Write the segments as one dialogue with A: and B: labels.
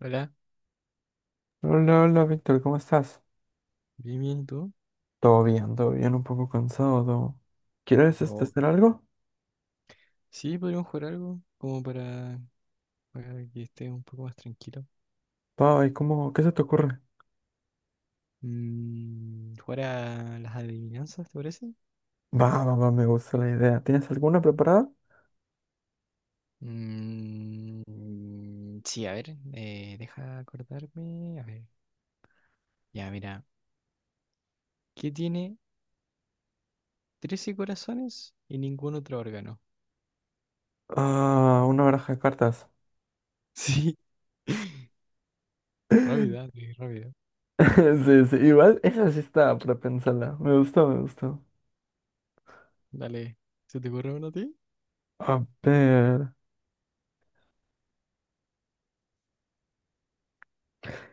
A: Hola,
B: Hola, hola, Víctor, ¿cómo estás?
A: bien, bien, ¿y tú?
B: Todo bien, un poco cansado. Todo. ¿Quieres
A: No.
B: hacer algo?
A: Sí, podríamos jugar algo como para que estés un poco más tranquilo.
B: Va, ¿y cómo? ¿Qué se te ocurre?
A: Jugar a las adivinanzas, ¿te parece?
B: Va, va, va, me gusta la idea. ¿Tienes alguna preparada?
A: Mm, sí, a ver, deja acordarme. A ver, ya, mira. ¿Qué tiene 13 corazones y ningún otro órgano?
B: Ah, una baraja de cartas.
A: Sí. Rápida, sí, rápida.
B: Sí, sí, igual esa sí está para pensarla. Me gustó, me gustó.
A: Dale, ¿se te ocurre uno a ti?
B: A ver.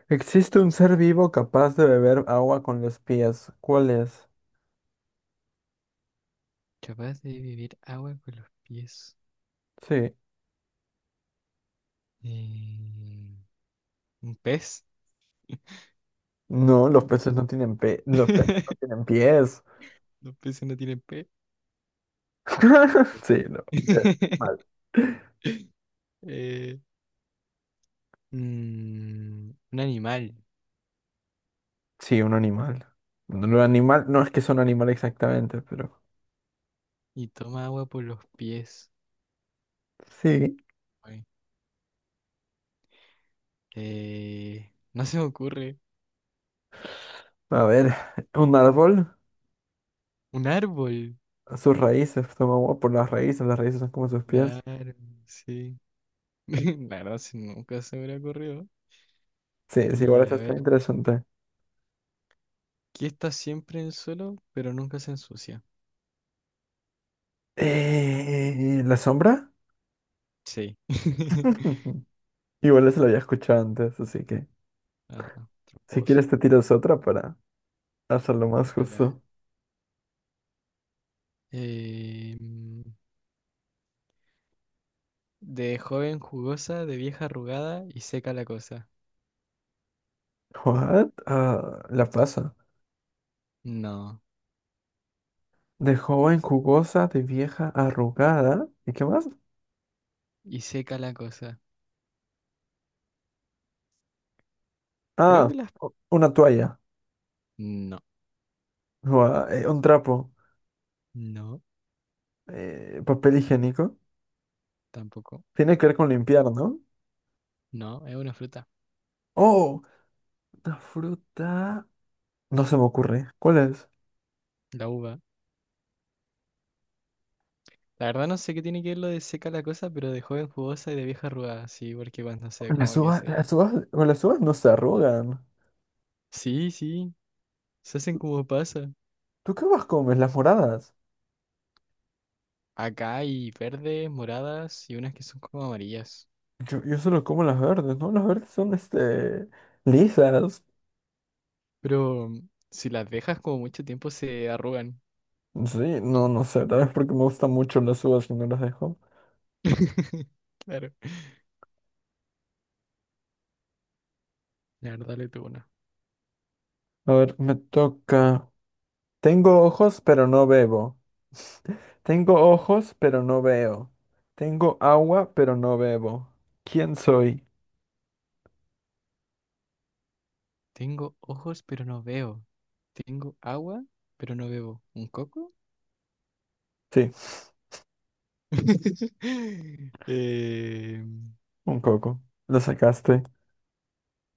B: ¿Existe un ser vivo capaz de beber agua con los pies? ¿Cuál es?
A: Capaz de beber agua con los pies.
B: Sí.
A: Eh, ¿Un pez?
B: No, los peces no tienen los peces no tienen pies.
A: Los peces no tienen pe. Sí.
B: Sí, no. Eh, Mal.
A: Eh, mm, un animal
B: Sí, un animal. Lo animal, no es que son animal exactamente, pero
A: y toma agua por los pies.
B: sí.
A: Ay. No se me ocurre.
B: A ver, un árbol,
A: Un árbol.
B: sus raíces, toma agua por las raíces son como sus pies.
A: Claro, sí. La verdad, sí, nunca se me hubiera ocurrido.
B: Sí, sí, igual
A: Y a
B: eso
A: ver,
B: está interesante.
A: ¿qué está siempre en el suelo, pero nunca se ensucia?
B: ¿La sombra?
A: Sí.
B: Igual eso lo había escuchado antes, así que
A: Ah,
B: si
A: tramposo.
B: quieres te tiras otra para hacerlo más
A: Dale, a ver.
B: justo.
A: Eh, mm, De joven jugosa, de vieja arrugada y seca la cosa.
B: ¿What? Ah, la pasa.
A: No.
B: De joven jugosa, de vieja arrugada. ¿Y qué más?
A: Y seca la cosa. Creo
B: Ah,
A: que las...
B: una toalla.
A: No.
B: Un trapo.
A: No.
B: Papel higiénico.
A: Tampoco.
B: Tiene que ver con limpiar, ¿no?
A: No, es una fruta.
B: Oh, una fruta. No se me ocurre. ¿Cuál es?
A: La uva. La verdad no sé qué tiene que ver lo de seca la cosa, pero de joven jugosa y de vieja arrugada. Sí, porque cuando se... como que se...
B: Las uvas, con las uvas no se arrugan.
A: Sí, sí. Se hacen como pasa.
B: ¿Tú qué uvas comes? Las moradas.
A: Acá hay verdes, moradas y unas que son como amarillas.
B: Yo solo como las verdes, ¿no? Las verdes son, lisas.
A: Pero si las dejas como mucho tiempo se arrugan.
B: Sí, no, no sé, tal vez porque me gustan mucho las uvas y no las dejo.
A: Claro. La verdad le tuvo una.
B: A ver, me toca. Tengo ojos, pero no bebo. Tengo ojos, pero no veo. Tengo agua, pero no bebo. ¿Quién soy?
A: Tengo ojos, pero no veo. Tengo agua, pero no bebo. ¿Un coco?
B: Sí,
A: Eh,
B: un coco. Lo sacaste.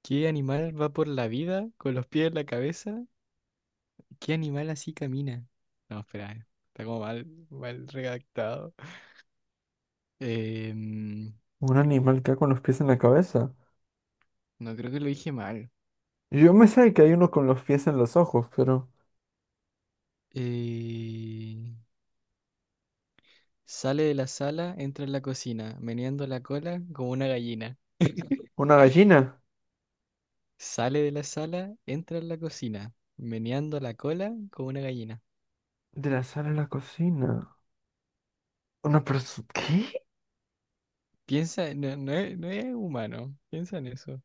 A: ¿qué animal va por la vida con los pies en la cabeza? ¿Qué animal así camina? No, espera, está como mal, mal redactado. Em,
B: Un animal que va con los pies en la cabeza.
A: no creo que lo dije mal.
B: Yo me sé que hay uno con los pies en los ojos, pero...
A: Eh, sale de la sala, entra en la cocina, meneando la cola como una gallina.
B: Una gallina.
A: Sale de la sala, entra en la cocina, meneando la cola como una gallina.
B: De la sala a la cocina. Una persona... ¿Qué?
A: Piensa, no, no es, no es humano, piensa en eso.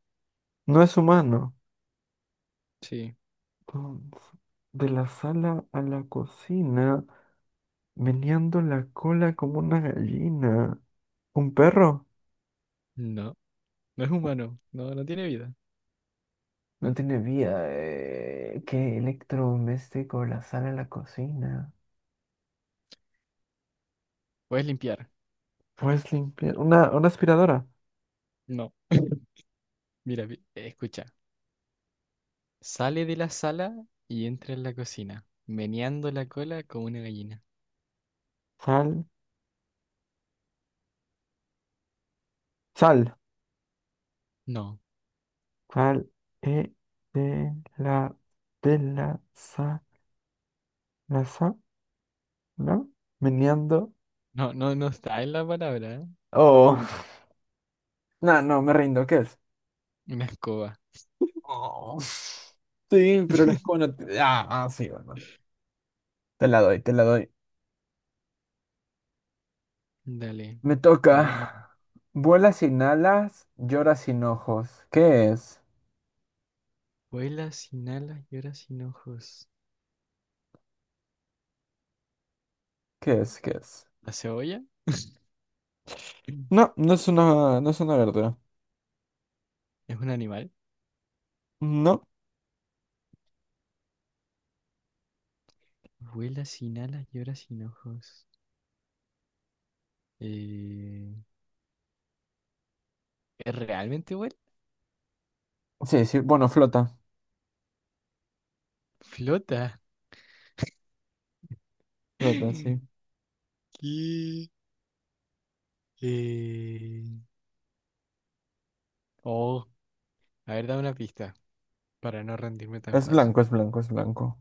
B: No es humano.
A: Sí,
B: Entonces, de la sala a la cocina. Meneando la cola como una gallina. ¿Un perro?
A: no, no es humano, no, no tiene vida.
B: No tiene vida. ¿Qué electrodoméstico? La sala a la cocina.
A: Puedes limpiar,
B: Puedes limpiar. Una aspiradora.
A: no. Mira, escucha, sale de la sala y entra en la cocina, meneando la cola como una gallina.
B: Sal. Sal.
A: No,
B: ¿Cuál es de la de la sa no? Meneando.
A: no, no, no está en la palabra, ¿eh?
B: Oh, no, no, me rindo, ¿qué es?
A: Una escoba.
B: Oh, sí, pero la escoba no te- Ah, ah, sí, bueno. Te la doy, te la doy.
A: Dale,
B: Me
A: dale una.
B: toca. Vuela sin alas, llora sin ojos. ¿Qué es?
A: Vuela sin alas y ora sin ojos.
B: ¿Qué es? ¿Qué es?
A: ¿La cebolla?
B: No, no es una, no es una verdura.
A: ¿Es un animal?
B: No,
A: Vuela sin alas llora sin ojos. Eh, ¿Es ¿realmente vuela?
B: sí, sí, bueno, flota.
A: Flota.
B: Flota, sí.
A: ¿Qué? Eh, Oh, a ver, dame una pista para no rendirme tan
B: Es
A: fácil.
B: blanco, es blanco, es blanco.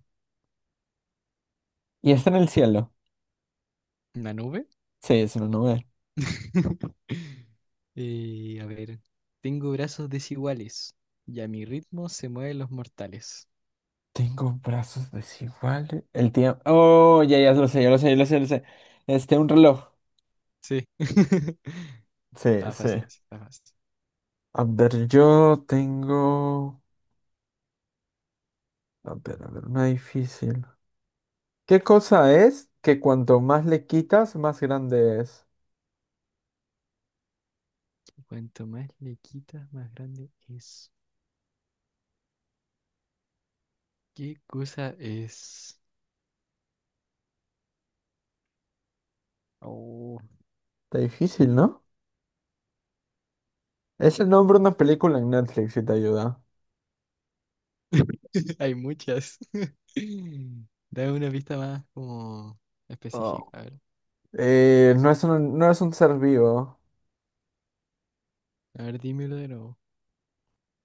B: Y está en el cielo.
A: ¿Una nube?
B: Sí, es una nube.
A: A ver. Tengo brazos desiguales y a mi ritmo se mueven los mortales.
B: Tengo brazos desiguales. El tiempo. Oh, ya, ya lo sé, ya lo sé, ya lo sé, ya lo sé. Un reloj.
A: Sí.
B: Sí,
A: Está fácil,
B: sí.
A: ese, está fácil.
B: A ver, yo tengo. A ver, una difícil. ¿Qué cosa es que cuanto más le quitas, más grande es?
A: Cuanto más le quitas, más grande es. ¿Qué cosa es? Oh.
B: Está difícil, ¿no? Es el nombre de una película en Netflix si te ayuda.
A: Hay muchas. Dame una pista más como específica.
B: Oh. No es un, no es un ser vivo.
A: A ver, dímelo de nuevo.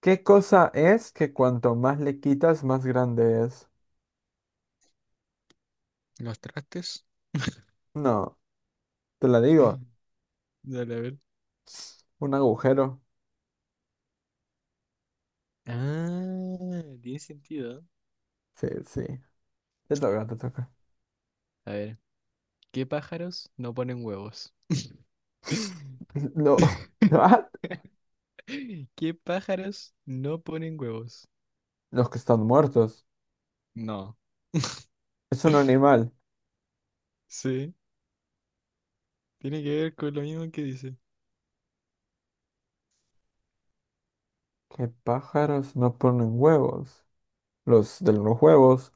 B: ¿Qué cosa es que cuanto más le quitas, más grande es?
A: Los trastes.
B: No, te la digo.
A: Dale, a ver.
B: Un agujero.
A: Ah, tiene sentido.
B: Sí, sí. Te toca, te toca.
A: A ver, ¿qué pájaros no ponen huevos?
B: No. ¿What?
A: ¿Qué pájaros no ponen huevos?
B: Los que están muertos.
A: No.
B: Es un animal.
A: Sí, tiene que ver con lo mismo que dice.
B: ¿Qué pájaros no ponen huevos? Los de los huevos.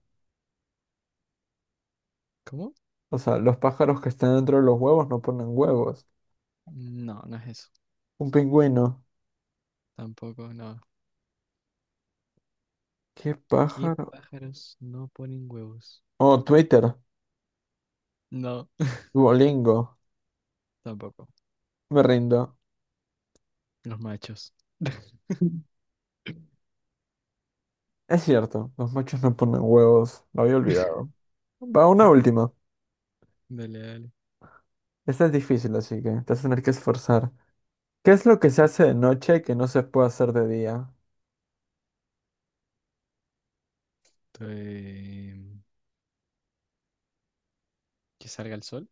A: ¿Cómo?
B: O sea, los pájaros que están dentro de los huevos no ponen huevos.
A: No, no es eso.
B: Un pingüino.
A: Tampoco, no.
B: ¿Qué
A: ¿Qué
B: pájaro?
A: pájaros no ponen huevos?
B: Oh, Twitter.
A: No,
B: Duolingo.
A: tampoco.
B: Me rindo.
A: Los machos.
B: Es cierto, los machos no ponen huevos. Lo había olvidado. Va, una última.
A: Dale, dale.
B: Esta es difícil, así que te vas a tener que esforzar. ¿Qué es lo que se hace de noche que no se puede hacer de día?
A: Estoy- Que salga el sol.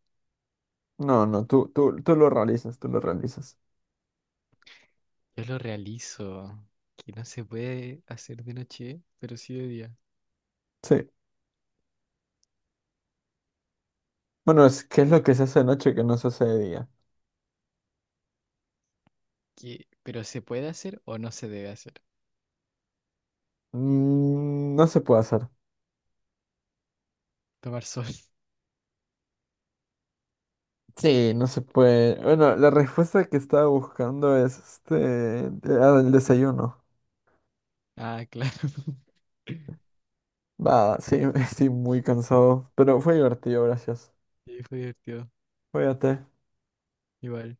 B: No, no, tú lo realizas, tú lo realizas.
A: Yo lo realizo. Que no se puede hacer de noche, pero sí de día.
B: Sí. Bueno, es que es lo que se hace de noche que no se hace de día.
A: Que... Pero se puede hacer o no se debe hacer.
B: No se puede hacer.
A: Tomar sol.
B: Sí, no se puede. Bueno, la respuesta que estaba buscando es ah, el desayuno.
A: Ah, claro.
B: Va, sí, estoy muy cansado, pero fue divertido, gracias.
A: Sí, fue divertido.
B: Cuídate.
A: Igual.